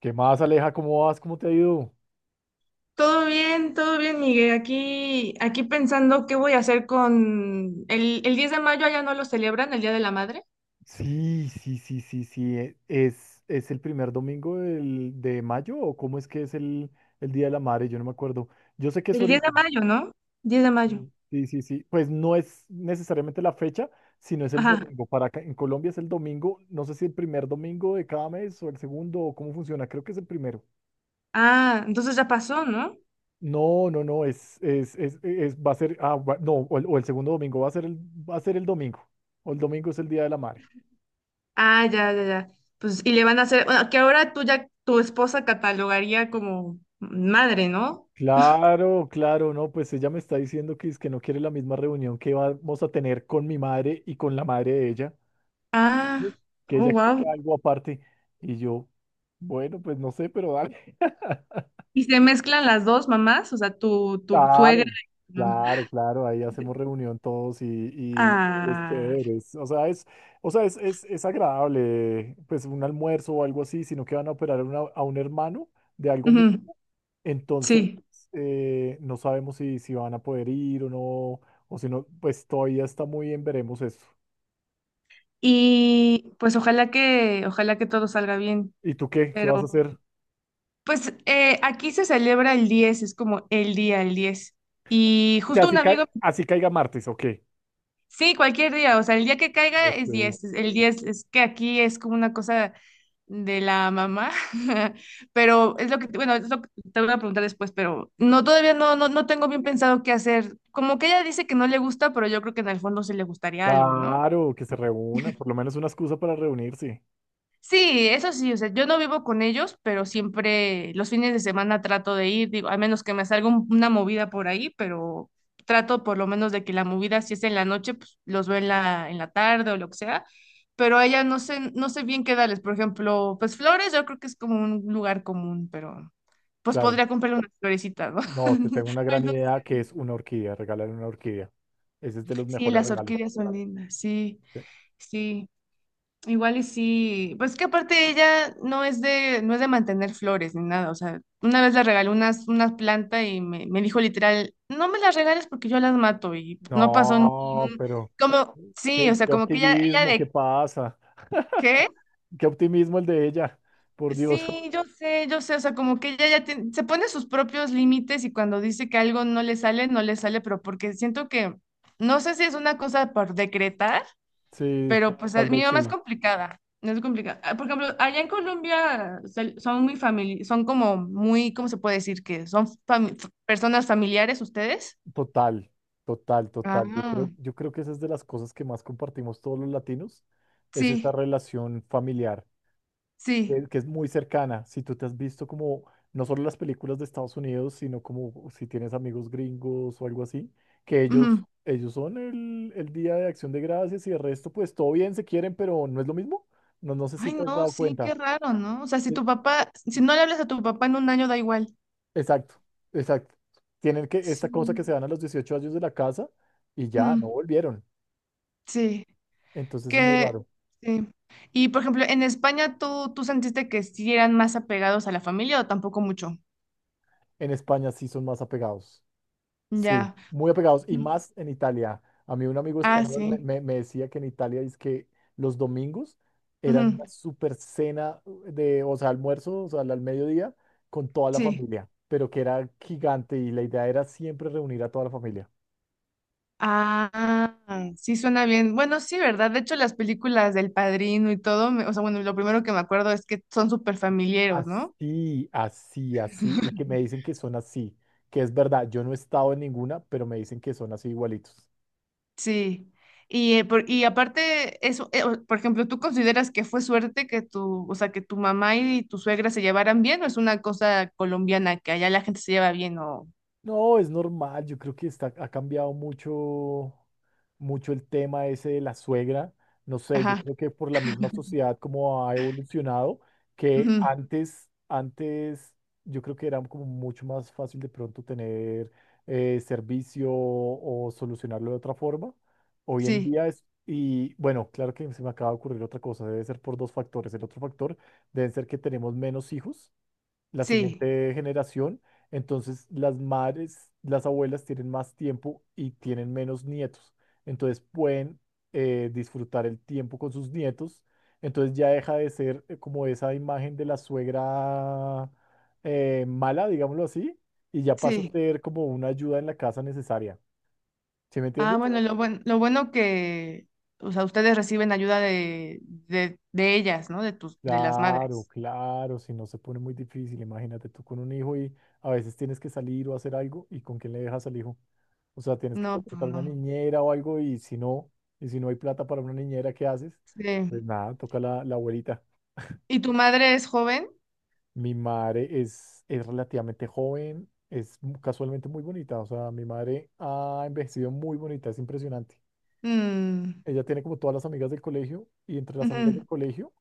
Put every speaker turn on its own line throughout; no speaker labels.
¿Qué más, Aleja? ¿Cómo vas? ¿Cómo te ha ido?
Todo bien, Miguel. Aquí pensando qué voy a hacer con el 10 de mayo, allá no lo celebran, el Día de la Madre.
Sí, sí, sí, sí, sí. ¿Es el primer de mayo o cómo es que es el Día de la Madre? Yo no me acuerdo. Yo sé que es
El 10
ahorita.
de mayo, ¿no? 10 de mayo.
Sí, sí, sí, sí, pues no es necesariamente la fecha, sino es el
Ajá.
domingo. Para acá, en Colombia es el domingo. No sé si el primer domingo de cada mes o el segundo o cómo funciona. Creo que es el primero.
Ah, entonces ya pasó, ¿no?
No, no, no. Va a ser. Ah, va- no, o el segundo domingo va a va a ser el domingo. O el domingo es el Día de la Madre.
Ah, ya, ya, ya. Pues, y le van a hacer, bueno, que ahora tú ya, tu esposa catalogaría como madre, ¿no?
Claro, claro, no, pues ella me está diciendo que es que no quiere la misma reunión que vamos a tener con mi madre y con la madre de ella,
Ah,
¿sí? Que
oh,
ella
wow.
quiere algo aparte. Y yo, bueno, pues no sé, pero dale.
Y se mezclan las dos mamás, o sea, tu suegra.
Claro, claro, claro, ahí hacemos reunión todos y es
Ah,
chévere. O sea, es, es agradable, pues un almuerzo o algo así, sino que van a operar a un hermano de algo.
ujú,
Entonces,
sí.
no sabemos si van a poder ir o no, o si no, pues todavía está muy bien, veremos eso.
Y pues ojalá que todo salga bien.
¿Y tú qué? ¿Qué vas
Pero
a hacer? O
pues aquí se celebra el 10 es como el día, el 10. Y
sea,
justo un amigo,
así caiga martes, ¿o qué?
sí, cualquier día, o sea, el día que caiga
Ok.
es 10 El 10 es que aquí es como una cosa de la mamá, pero es lo que, bueno, es lo que te voy a preguntar después, pero no, todavía no, no tengo bien pensado qué hacer. Como que ella dice que no le gusta, pero yo creo que en el fondo sí le gustaría algo, ¿no?
Claro, que se reúna, por lo menos una excusa para reunirse.
Sí, eso sí, o sea, yo no vivo con ellos, pero siempre los fines de semana trato de ir, digo, a menos que me salga una movida por ahí, pero trato por lo menos de que la movida, si es en la noche, pues los veo en la, tarde o lo que sea, pero a ella no sé bien qué darles, por ejemplo, pues flores, yo creo que es como un lugar común, pero pues
Claro.
podría comprarle unas florecitas, ¿no?
No, te tengo una
Ay,
gran
no,
idea que es una orquídea, regalar una orquídea. Ese es de los
sí,
mejores
las
regalos.
orquídeas son lindas, sí,
Sí.
sí. Igual y sí, pues que aparte ella no es de mantener flores ni nada, o sea, una vez le regalé unas plantas y me dijo literal, no me las regales porque yo las mato y no pasó ni no.
No,
un,
pero
Como, sí, o sea,
qué
como que ella
optimismo, qué
de
pasa.
qué,
Qué optimismo el de ella, por Dios.
sí, yo sé, o sea, como que ella ya se pone sus propios límites y cuando dice que algo no le sale, no le sale, pero porque siento que, no sé si es una cosa por decretar.
Sí,
Pero pues
tal
mi
vez
mamá es
sí.
complicada, no es complicada. Ah, por ejemplo, allá en Colombia son muy famili son como muy, ¿cómo se puede decir que son personas familiares ustedes?
Total, total, total.
Ah,
Yo creo que esa es de las cosas que más compartimos todos los latinos, es esta
sí,
relación familiar.
sí.
Que es muy cercana. Si tú te has visto como no solo las películas de Estados Unidos, sino como si tienes amigos gringos o algo así, que
Ujú.
ellos son el Día de Acción de Gracias y el resto, pues todo bien, se quieren, pero no es lo mismo. No, no sé si
Ay,
te has
no,
dado
sí,
cuenta.
qué raro, ¿no? O sea, si
E-
tu papá, si no le hablas a tu papá en un año, da igual.
Exacto, exacto. Tienen que esta
Sí.
cosa que se dan a los 18 años de la casa y ya no
Mm,
volvieron.
sí.
Entonces es muy
Que,
raro.
sí. Y por ejemplo, en España, ¿tú sentiste que sí eran más apegados a la familia o tampoco mucho?
En España sí son más apegados. Sí,
Ya.
muy apegados y
Mm,
más en Italia. A mí un amigo
ah,
español
sí.
me decía que en Italia es que los domingos eran
Ujú.
una super cena de, o sea, almuerzo, o sea, al al mediodía con toda la
Sí.
familia, pero que era gigante y la idea era siempre reunir a toda la familia.
Ah, sí suena bien. Bueno, sí, ¿verdad? De hecho, las películas del Padrino y todo, o sea, bueno, lo primero que me acuerdo es que son súper familiares, ¿no?
Así, así, así, y que me dicen que son así, que es verdad, yo no he estado en ninguna, pero me dicen que son así igualitos.
Sí. Y aparte, eso, por ejemplo, ¿tú consideras que fue suerte que tu, o sea, que tu mamá y tu suegra se llevaran bien o es una cosa colombiana que allá la gente se lleva bien o...
No, es normal, yo creo que está, ha cambiado mucho, mucho el tema ese de la suegra. No sé, yo
Ajá.
creo que por la misma sociedad como ha evolucionado, que
Ujú,
antes yo creo que era como mucho más fácil de pronto tener servicio o solucionarlo de otra forma. Hoy en
sí,
día es, y bueno, claro que se me acaba de ocurrir otra cosa, debe ser por dos factores. El otro factor debe ser que tenemos menos hijos la
sí,
siguiente generación. Entonces, las madres, las abuelas tienen más tiempo y tienen menos nietos. Entonces, pueden disfrutar el tiempo con sus nietos. Entonces, ya deja de ser como esa imagen de la suegra mala, digámoslo así, y ya pasa a
sí.
ser como una ayuda en la casa necesaria. ¿Sí me
Ah,
entiendes?
bueno, lo bueno que, o sea, ustedes reciben ayuda de ellas, ¿no? De tus, de las
Claro,
madres.
claro, si no se pone muy difícil, imagínate tú con un hijo y a veces tienes que salir o hacer algo y con quién le dejas al hijo. O sea, tienes que
No, pues
contratar una
no.
niñera o algo y si no hay plata para una niñera, ¿qué haces?
Sí.
Pues nada, toca la abuelita.
¿Y tu madre es joven?
Mi madre es relativamente joven, casualmente muy bonita, o sea, mi madre ha envejecido muy bonita, es impresionante.
Mm,
Ella tiene como todas las amigas del colegio y entre las amigas
ujú,
del colegio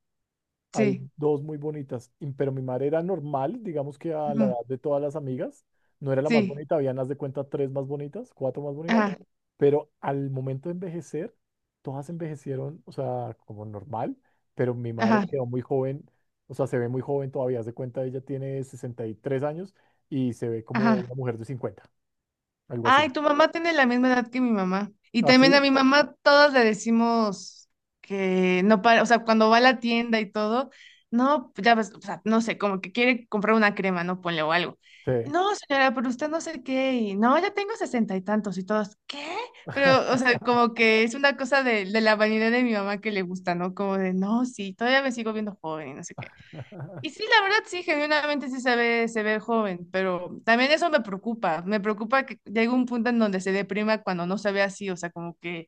hay
sí.
dos muy bonitas, pero mi madre era normal, digamos que a la edad
Ujú,
de todas las amigas, no era la más
sí.
bonita, habían, haz de cuenta, tres más bonitas, cuatro más bonitas,
Ajá.
pero al momento de envejecer, todas envejecieron, o sea, como normal, pero mi madre
Ajá.
quedó muy joven, o sea, se ve muy joven todavía, haz de cuenta, ella tiene 63 años y se ve como
Ajá.
una mujer de 50, algo así.
Ay, tu mamá tiene la misma edad que mi mamá. Y también a
¿Así?
mi mamá todos le decimos que no para, o sea, cuando va a la tienda y todo, no, ya ves, o sea, no sé, como que quiere comprar una crema, no ponle o algo.
Sí.
No, señora, pero usted no sé qué, y no, ya tengo sesenta y tantos y todos, ¿qué? Pero, o sea, como que es una cosa de la vanidad de mi mamá que le gusta, ¿no? Como de, no, sí, todavía me sigo viendo joven y no sé qué. Y sí, la verdad, sí, genuinamente sí se ve joven, pero también eso me preocupa. Me preocupa que llegue un punto en donde se deprima cuando no se ve así. O sea, como que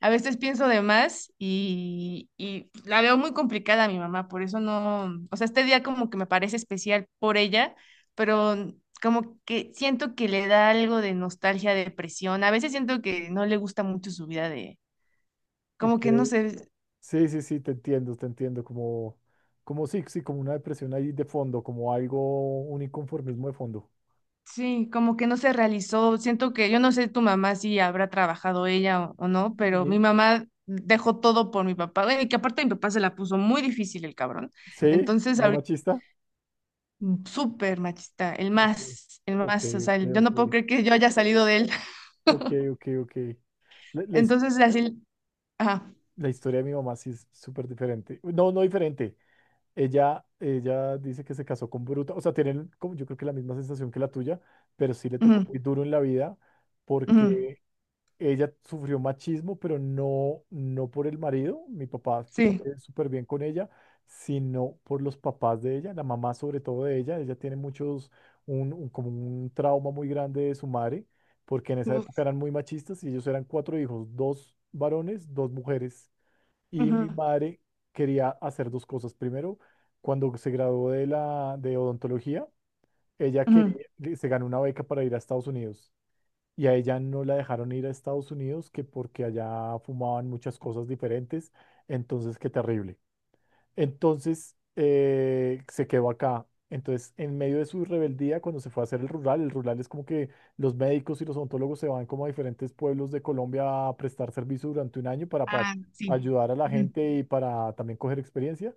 a veces pienso de más y la veo muy complicada a mi mamá. Por eso no, o sea, este día como que me parece especial por ella, pero como que siento que le da algo de nostalgia, depresión. A veces siento que no le gusta mucho su vida de,
Ok.
como que no sé,
Sí, sí, sí, te entiendo, como, como sí, sí, como una depresión ahí de fondo, como algo, un inconformismo de fondo.
sí, como que no se realizó. Siento que yo no sé tu mamá si habrá trabajado ella o no, pero
Y-
mi mamá dejó todo por mi papá. Bueno, y que aparte mi papá se la puso muy difícil el cabrón.
Sí,
Entonces,
muy
ahorita,
machista.
mm, súper machista,
Ok,
el
ok,
más, o sea, yo
ok,
no puedo creer que yo haya salido de él.
ok, ok, ok, ok. La, la his-
Entonces, así, ajá,
la historia de mi mamá sí es súper diferente. No, no diferente. Ella dice que se casó con Bruta, o sea, tienen como yo creo que la misma sensación que la tuya, pero sí le tocó
ujú,
muy duro en la vida
ujú,
porque ella sufrió machismo, pero no, no por el marido. Mi papá
sí,
fue súper bien con ella, sino por los papás de ella, la mamá sobre todo de ella. Ella tiene muchos, como un trauma muy grande de su madre, porque en esa época
uf,
eran muy machistas y ellos eran cuatro hijos, dos varones, dos mujeres. Y mi
ujú,
madre quería hacer dos cosas. Primero, cuando se graduó de la de odontología, ella
ujú,
quería, se ganó una beca para ir a Estados Unidos y a ella no la dejaron ir a Estados Unidos, que porque allá fumaban muchas cosas diferentes, entonces qué terrible. Entonces se quedó acá. Entonces, en medio de su rebeldía, cuando se fue a hacer el rural es como que los médicos y los odontólogos se van como a diferentes pueblos de Colombia a prestar servicio durante un año para
ah, sí,
ayudar a la
ujú,
gente y para también coger experiencia.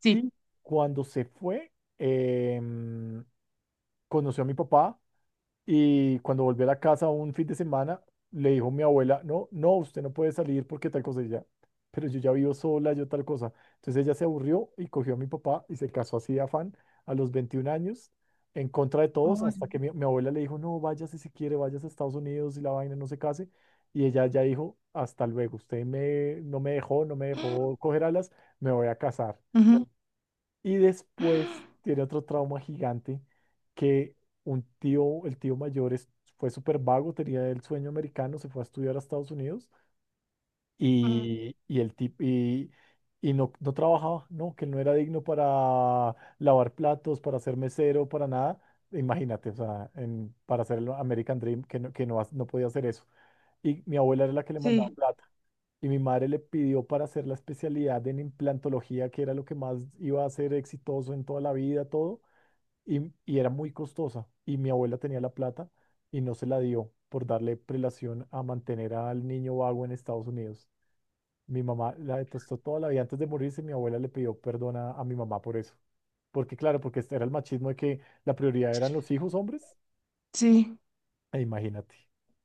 sí,
Y cuando se fue, em, conoció a mi papá y cuando volvió a la casa un fin de semana, le dijo mi abuela, no, no, usted no puede salir porque tal cosa y ya. Pero yo ya vivo sola, yo tal cosa. Entonces ella se aburrió y cogió a mi papá y se casó así de afán a los 21 años, en contra de todos,
ay,
hasta que mi abuela le dijo, no, váyase si quiere, váyase a Estados Unidos y la vaina no se case. Y ella ya dijo, hasta luego, usted me, no me dejó, no me dejó coger alas, me voy a casar.
ujú,
Y después tiene otro trauma gigante que un tío, el tío mayor es- fue súper vago, tenía el sueño americano, se fue a estudiar a Estados Unidos
ujú,
y, y el tipo y, y no, no trabajaba, no, que él no era digno para lavar platos, para ser mesero, para nada. Imagínate, o sea, para hacer el American Dream, que no, no podía hacer eso. Y mi abuela era la que le mandaba
sí,
plata y mi madre le pidió para hacer la especialidad en implantología, que era lo que más iba a ser exitoso en toda la vida, todo, y era muy costosa. Y mi abuela tenía la plata y no se la dio por darle prelación a mantener al niño vago en Estados Unidos. Mi mamá la detestó toda la vida antes de morirse. Mi abuela le pidió perdón a mi mamá por eso. Porque claro, porque este era el machismo de que la prioridad eran los hijos hombres.
sí.
E imagínate,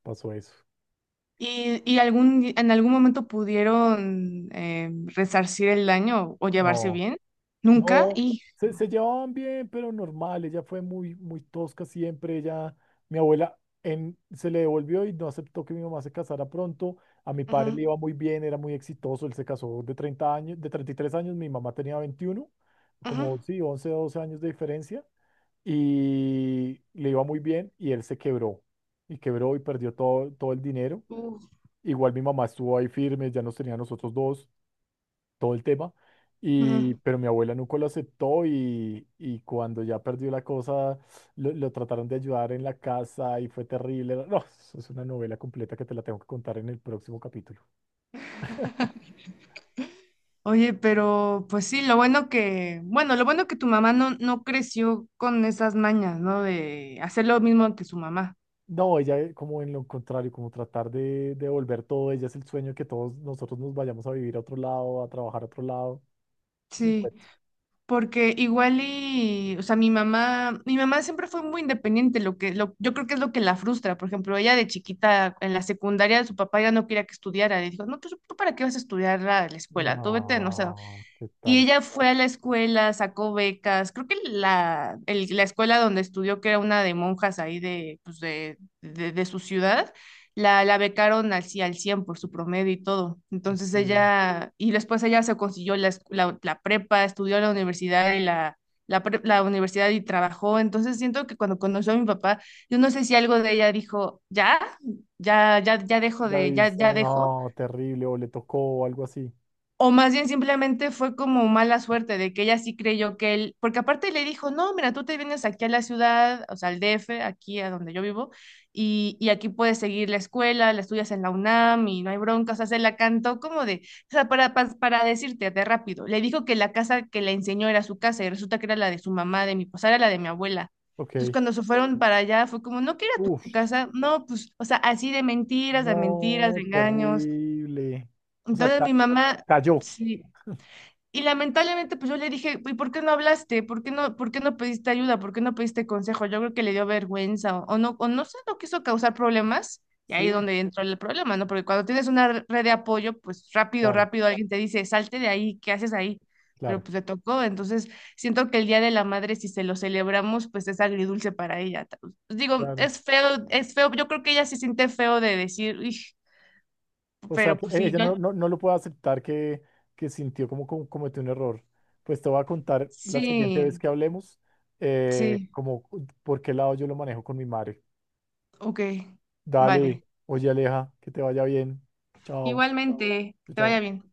pasó eso.
¿Y algún, en algún momento pudieron resarcir el daño o llevarse
No.
bien? Nunca.
No,
Y,
se se llevaban bien, pero normal. Ella fue muy, muy tosca siempre. Ella, mi abuela, se le devolvió y no aceptó que mi mamá se casara pronto. A mi padre
ujú,
le iba muy bien, era muy exitoso. Él se casó de 30 años, de 33 años. Mi mamá tenía 21,
ujú,
como sí, 11, 12 años de diferencia. Y le iba muy bien y él se quebró. Y quebró y perdió todo, todo el dinero.
uf.
Igual mi mamá estuvo ahí firme, ya nos tenía a nosotros dos todo el tema.
Ujú.
Y, pero mi abuela nunca lo aceptó y cuando ya perdió la cosa, lo trataron de ayudar en la casa y fue terrible. No, eso es una novela completa que te la tengo que contar en el próximo capítulo.
Oye, pero pues sí, lo bueno que, bueno, lo bueno que tu mamá no creció con esas mañas, ¿no? De hacer lo mismo que su mamá.
No, ella como en lo contrario, como tratar de devolver todo, ella es el sueño que todos nosotros nos vayamos a vivir a otro lado, a trabajar a otro lado. Es un
Sí.
cuento.
Porque igual y, o sea, mi mamá siempre fue muy independiente, yo creo que es lo que la frustra. Por ejemplo, ella de chiquita en la secundaria, su papá ya no quería que estudiara, le dijo, no, pues tú para qué vas a estudiar la escuela, tú vete, no sé, a,
No, ¿qué
y
tal?
ella fue a la escuela, sacó becas, creo que la escuela donde estudió, que era una de monjas ahí pues de su ciudad, la becaron al 100 por su promedio y todo. Entonces
Ok.
ella, y después ella se consiguió la prepa, estudió en la universidad y la, la universidad y trabajó. Entonces siento que cuando conoció a mi papá, yo no sé si algo de ella dijo, ya, ya, ya, ya dejo
Ya
de, ya,
dice,
ya dejo.
no, terrible, o le tocó o algo así.
O más bien simplemente fue como mala suerte de que ella sí creyó que él, porque aparte le dijo, no, mira, tú te vienes aquí a la ciudad, o sea, al DF, aquí a donde yo vivo, y aquí puedes seguir la escuela, la estudias en la UNAM y no hay bronca, o sea, se la cantó como de, o sea, para, decirte de rápido, le dijo que la casa que le enseñó era su casa y resulta que era la de su mamá, de mi, o sea, era la de mi abuela. Entonces
Ok.
cuando se fueron para allá fue como, no, que era
Uf.
tu casa, no, pues, o sea, así de mentiras, de mentiras, de
No,
engaños.
terrible. O sea,
Entonces mi mamá...
cayó.
Sí, y lamentablemente, pues yo le dije, ¿y por qué no hablaste? ¿Por qué no pediste ayuda? ¿Por qué no pediste consejo? Yo creo que le dio vergüenza o no, o no sé, no quiso causar problemas. Y
Sí,
ahí es donde entró el problema, ¿no? Porque cuando tienes una red de apoyo, pues rápido,
claro,
rápido alguien te dice, salte de ahí, ¿qué haces ahí? Pero
claro,
pues le tocó. Entonces, siento que el Día de la Madre, si se lo celebramos, pues es agridulce para ella. Pues, digo,
claro.
es feo, es feo. Yo creo que ella se siente feo de decir, "Ij",
O sea,
pero
que
pues sí,
ella
yo...
no lo puede aceptar que, sintió como, como cometió un error. Pues te voy a contar la siguiente vez
Sí,
que hablemos,
sí,
como por qué lado yo lo manejo con mi madre.
ok,
Dale,
vale.
oye Aleja, que te vaya bien. Chao,
Igualmente, que te vaya
chao.
bien.